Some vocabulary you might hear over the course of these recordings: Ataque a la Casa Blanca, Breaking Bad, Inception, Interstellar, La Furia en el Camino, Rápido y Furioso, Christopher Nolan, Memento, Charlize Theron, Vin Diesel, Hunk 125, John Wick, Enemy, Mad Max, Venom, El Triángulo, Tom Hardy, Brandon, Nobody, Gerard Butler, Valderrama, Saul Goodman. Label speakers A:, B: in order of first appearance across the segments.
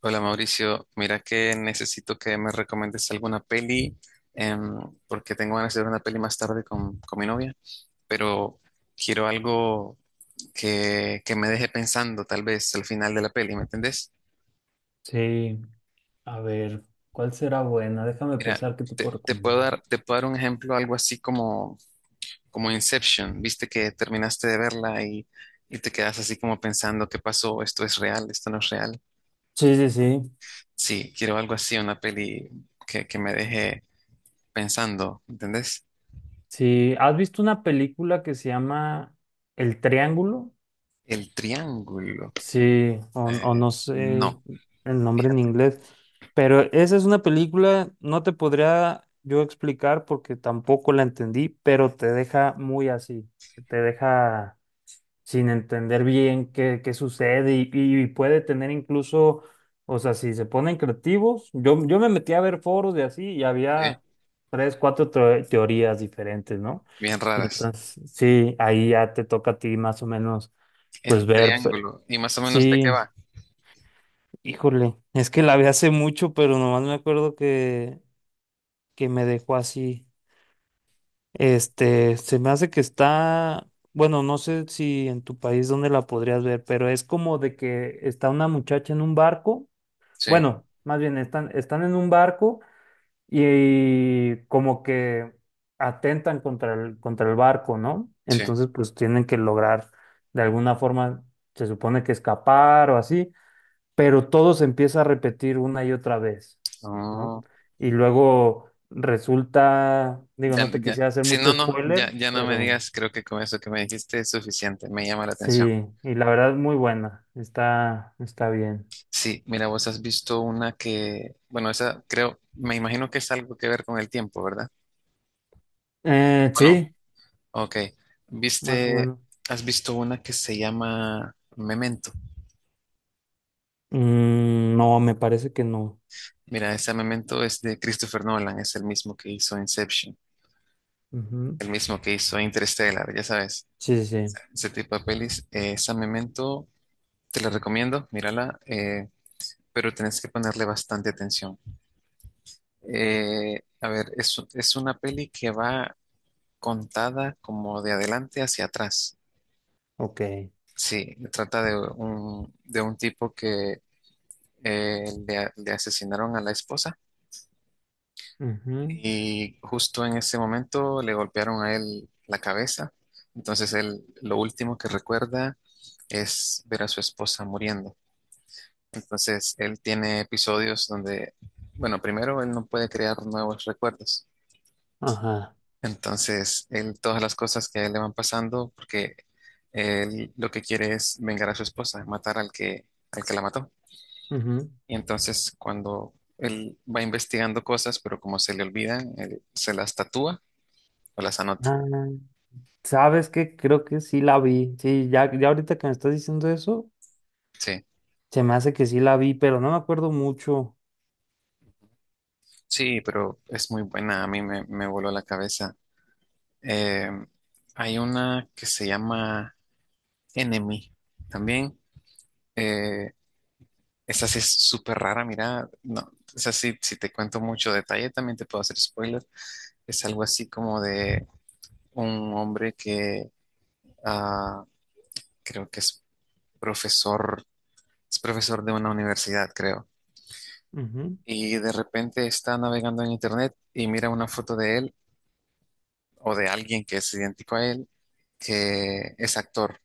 A: Hola Mauricio, mira que necesito que me recomiendes alguna peli em, porque tengo ganas de ver una peli más tarde con mi novia, pero quiero algo que me deje pensando tal vez al final de la peli, ¿me entendés?
B: Sí, a ver, ¿cuál será buena? Déjame
A: Mira,
B: pensar qué te puedo
A: te, te puedo
B: recomendar.
A: dar, te puedo dar un ejemplo, algo así como Inception, viste que terminaste de verla y te quedas así como pensando, ¿qué pasó? ¿Esto es real? ¿Esto no es real?
B: Sí, sí, sí.
A: Sí, quiero algo así, una peli que me deje pensando, ¿entendés?
B: Sí, ¿has visto una película que se llama El Triángulo?
A: El triángulo.
B: Sí, o
A: Eh,
B: no sé
A: no,
B: el nombre en
A: fíjate,
B: inglés, pero esa es una película, no te podría yo explicar porque tampoco la entendí, pero te deja muy así, te deja sin entender bien qué, qué sucede y puede tener incluso, o sea, si se ponen creativos, yo me metí a ver foros de así y
A: ¿eh?
B: había tres, cuatro teorías diferentes, ¿no?
A: Bien raras.
B: Entonces, sí, ahí ya te toca a ti más o menos, pues
A: El
B: ver,
A: triángulo. ¿Y más o menos de qué
B: sí,
A: va?
B: híjole, es que la vi hace mucho, pero nomás me acuerdo que me dejó así. Este, se me hace que está, bueno, no sé si en tu país dónde la podrías ver, pero es como de que está una muchacha en un barco,
A: Sí,
B: bueno, más bien están, están en un barco y, como que atentan contra contra el barco, ¿no?
A: sí.
B: Entonces, pues tienen que lograr de alguna forma, se supone que escapar o así, pero todo se empieza a repetir una y otra vez, ¿no?
A: Oh,
B: Y luego resulta, digo,
A: ya,
B: no te
A: ya.
B: quisiera hacer
A: Si no,
B: mucho
A: no,
B: spoiler,
A: ya, ya no me
B: pero
A: digas, creo que con eso que me dijiste es suficiente, me llama la atención.
B: sí, y la verdad muy buena, está, está bien.
A: Sí, mira, vos has visto una que, bueno, esa creo, me imagino que es algo que ver con el tiempo, ¿verdad? ¿O no?
B: Sí,
A: Ok.
B: más o
A: ¿Viste,
B: menos.
A: has visto una que se llama Memento?
B: Mm, no, me parece que no.
A: Mira, esa Memento es de Christopher Nolan, es el mismo que hizo Inception.
B: Ujú.
A: El mismo que hizo Interstellar, ya sabes,
B: Sí, sí, sí,
A: ese tipo de pelis. Esa Memento, te la recomiendo, mírala, pero tenés que ponerle bastante atención. A ver, es una peli que va contada como de adelante hacia atrás.
B: ok.
A: Sí, trata de un tipo que le asesinaron a la esposa.
B: Ujú.
A: Y justo en ese momento le golpearon a él la cabeza. Entonces él lo último que recuerda es ver a su esposa muriendo. Entonces él tiene episodios donde, bueno, primero él no puede crear nuevos recuerdos.
B: Ajá.
A: Entonces él, todas las cosas que a él le van pasando, porque él lo que quiere es vengar a su esposa, matar al que la mató.
B: Ujú.
A: Y entonces cuando él va investigando cosas, pero como se le olvidan, él se las tatúa o las anota.
B: Ah, ¿sabes qué? Creo que sí la vi. Sí, ya, ya ahorita que me estás diciendo eso,
A: Sí.
B: se me hace que sí la vi, pero no me acuerdo mucho.
A: Sí, pero es muy buena, a me voló la cabeza. Eh, hay una que se llama Enemy también. Eh, esa sí es súper rara, mira, no, esa sí, si te cuento mucho detalle también te puedo hacer spoiler. Es algo así como de un hombre que ah, creo que profesor, es profesor de una universidad, creo.
B: Ujú.
A: Y de repente está navegando en internet y mira una foto de él o de alguien que es idéntico a él, que es actor.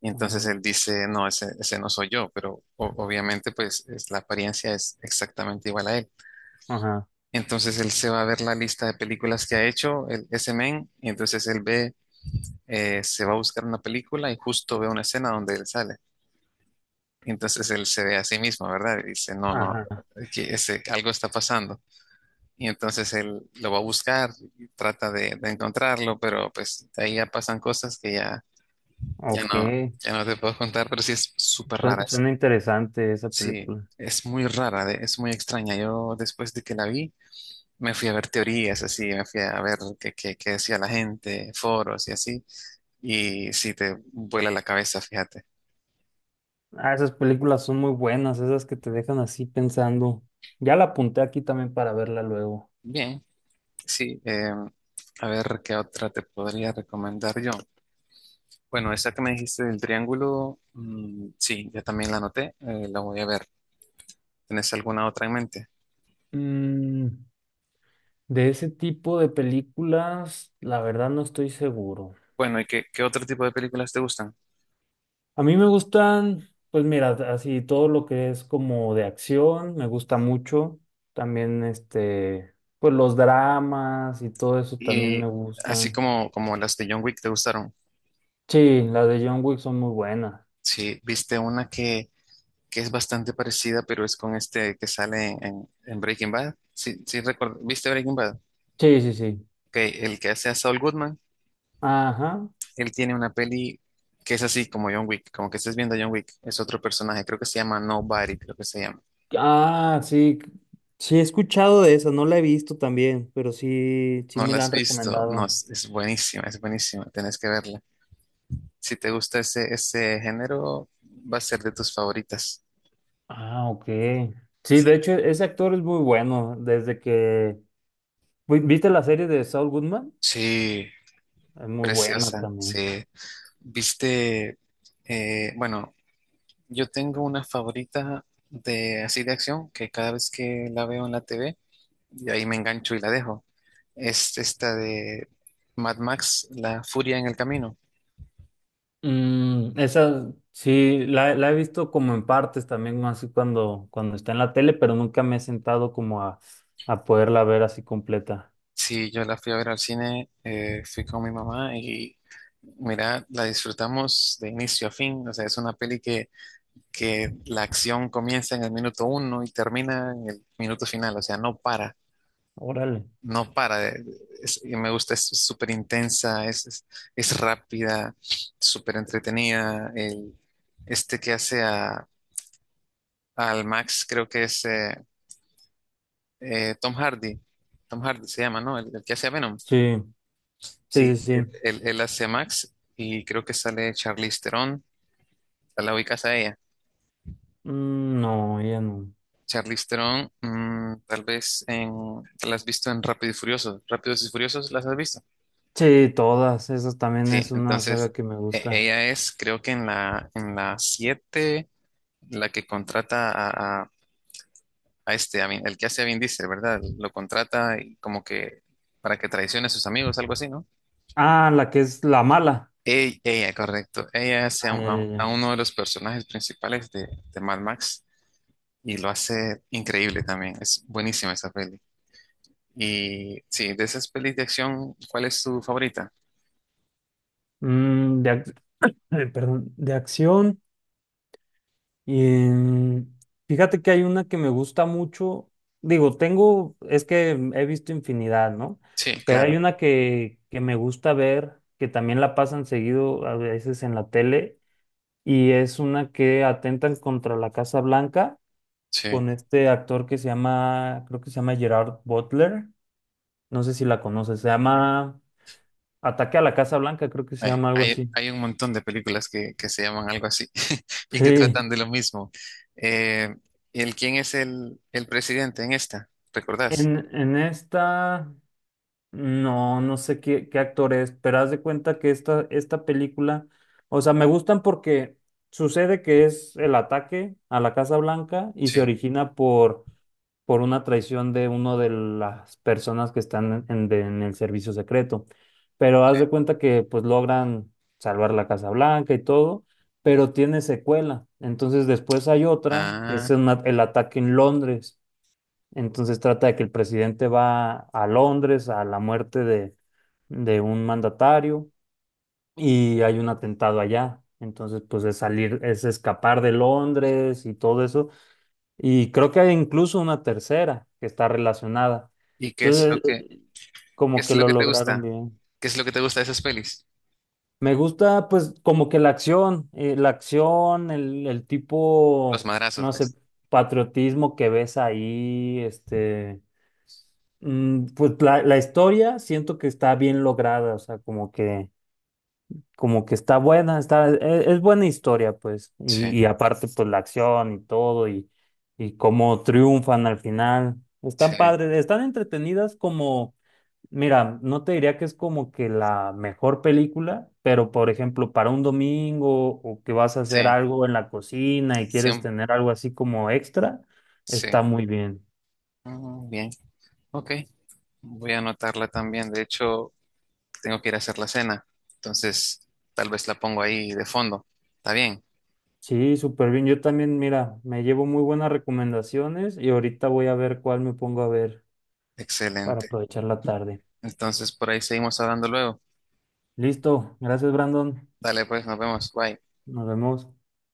A: Y entonces
B: Mm,
A: él dice, no, ese no soy yo, pero obviamente pues la apariencia es exactamente igual a él.
B: ajá,
A: Entonces él se va a ver la lista de películas que ha hecho el, ese men, y entonces él ve, se va a buscar una película y justo ve una escena donde él sale. Y entonces él se ve a sí mismo, ¿verdad? Y dice, no, no,
B: ajá,
A: que ese, algo está pasando. Y entonces él lo va a buscar, y trata de encontrarlo, pero pues ahí ya pasan cosas que ya. Ya
B: ok.
A: no, ya no te puedo contar, pero sí es súper rara
B: Suena,
A: esa.
B: suena interesante esa
A: Sí,
B: película.
A: es muy rara, es muy extraña. Yo después de que la vi, me fui a ver teorías, así, me fui a ver qué decía la gente, foros y así. Y sí, te vuela la cabeza, fíjate.
B: Ah, esas películas son muy buenas, esas que te dejan así pensando. Ya la apunté aquí también para verla luego.
A: Bien, sí. A ver, ¿qué otra te podría recomendar yo? Bueno, esa que me dijiste del triángulo, mm, sí, ya también la anoté, la voy a ver. ¿Tienes alguna otra en mente?
B: Mm, de ese tipo de películas, la verdad no estoy seguro.
A: Bueno, ¿y qué otro tipo de películas te gustan?
B: A mí me gustan, pues mira, así todo lo que es como de acción, me gusta mucho. También este, pues los dramas y todo eso también me
A: Y
B: gustan.
A: como las de John Wick te gustaron.
B: Sí, las de John Wick son muy buenas.
A: Sí, viste una que es bastante parecida, pero es con este que sale en Breaking Bad. Sí, sí, recuerdo. ¿Viste Breaking Bad?
B: Sí, sí, sí.
A: Ok, el que hace a Saul Goodman,
B: Ajá.
A: él tiene una peli que es así como John Wick, como que estés viendo a John Wick. Es otro personaje, creo que se llama Nobody, creo que se llama.
B: Ah, sí. Sí, he escuchado de esa, no la he visto también, pero sí, sí
A: ¿No
B: me
A: la
B: la
A: has
B: han
A: visto? No,
B: recomendado.
A: es buenísima, tenés que verla. Si te gusta ese género, va a ser de tus favoritas.
B: Ah, ok. Sí, de hecho, ese actor es muy bueno. Desde que... ¿Viste la serie de Saul Goodman?
A: Sí,
B: Es muy buena
A: preciosa,
B: también.
A: sí. Viste, eh, bueno, yo tengo una favorita de así de acción que cada vez que la veo en la TV, y ahí me engancho y la dejo. Es esta de Mad Max, La Furia en el Camino.
B: Mm, esa, sí, la he visto como en partes también, así cuando está en la tele, pero nunca me he sentado como a poderla ver así completa.
A: Sí, yo la fui a ver al cine, fui con mi mamá y mira, la disfrutamos de inicio a fin. O sea, es una peli que la acción comienza en el minuto uno y termina en el minuto final, o sea, no para.
B: Órale.
A: No para. Y me gusta, es súper intensa, es rápida, súper entretenida. Este que hace al Max, creo que es Tom Hardy. Tom Hardy se llama, ¿no? El que hace a Venom.
B: Sí. Sí,
A: Sí,
B: sí,
A: él,
B: sí.
A: él hace a Max y creo que sale Charlize Theron. La ubicas a ella.
B: Mm, no, ella no.
A: Charlize Theron, mm, tal vez en, la has visto en Rápido y Furioso. ¿Rápidos y Furiosos las has visto?
B: Sí, todas. Esa también
A: Sí,
B: es una
A: entonces
B: saga que me gusta.
A: ella es, creo que en la 7 la que contrata a este, el que hace a Vin Diesel, ¿verdad? Lo contrata y como que para que traicione a sus amigos, algo así, ¿no?
B: Ah, la que es la mala.
A: Ella, correcto. Ella hace
B: Ah, ya, ya,
A: a
B: ya.
A: uno de los personajes principales de Mad Max y lo hace increíble también. Es buenísima esa peli. Y sí, de esas pelis de acción, ¿cuál es tu favorita?
B: Mm, perdón, de acción. Y, mm, fíjate que hay una que me gusta mucho. Digo, tengo, es que he visto infinidad, ¿no?
A: Sí,
B: Pero hay
A: claro.
B: una que me gusta ver, que también la pasan seguido a veces en la tele, y es una que atentan contra la Casa Blanca
A: Sí.
B: con este actor que se llama, creo que se llama Gerard Butler, no sé si la conoces, se llama Ataque a la Casa Blanca, creo que se llama algo así.
A: Hay un montón de películas que se llaman algo así y que
B: Sí,
A: tratan de lo mismo. Eh, ¿El quién es el presidente en esta? ¿Recordás?
B: en esta, no, no sé qué, qué actor es, pero haz de cuenta que esta película, o sea, me gustan porque sucede que es el ataque a la Casa Blanca y se
A: Sí.
B: origina por una traición de una de las personas que están en el servicio secreto. Pero haz de cuenta que pues logran salvar la Casa Blanca y todo,
A: Ujú.
B: pero tiene secuela. Entonces después hay otra, que es
A: Ah,
B: el ataque en Londres. Entonces trata de que el presidente va a Londres a la muerte de un mandatario y hay un atentado allá. Entonces, pues es salir, es escapar de Londres y todo eso y creo que hay incluso una tercera que está relacionada.
A: ¿y qué es lo
B: Entonces,
A: qué
B: como
A: es
B: que
A: lo
B: lo
A: que te
B: lograron
A: gusta?
B: bien.
A: ¿Qué es lo que te gusta de esas pelis?
B: Me gusta, pues, como que la acción, el
A: Los
B: tipo,
A: madrazos,
B: no sé,
A: pues.
B: patriotismo que ves ahí, este, mm, pues la historia siento que está bien lograda, o sea, como que está buena, está, es, buena historia, pues.
A: Sí,
B: Y aparte, pues la acción y todo, y cómo triunfan al final.
A: sí,
B: Están padres, están entretenidas como, mira, no te diría que es como que la mejor película, pero por ejemplo, para un domingo o que vas a hacer
A: sí,
B: algo en la cocina y quieres
A: siem-
B: tener algo así como extra,
A: sí.
B: está muy bien.
A: Mm, bien, ok. Voy a anotarla también. De hecho, tengo que ir a hacer la cena. Entonces, tal vez la pongo ahí de fondo. ¿Está bien?
B: Sí, súper bien. Yo también, mira, me llevo muy buenas recomendaciones y ahorita voy a ver cuál me pongo a ver para
A: Excelente.
B: aprovechar la tarde.
A: Entonces por ahí seguimos hablando luego.
B: Listo, gracias Brandon,
A: Dale pues, nos vemos. Bye.
B: nos vemos.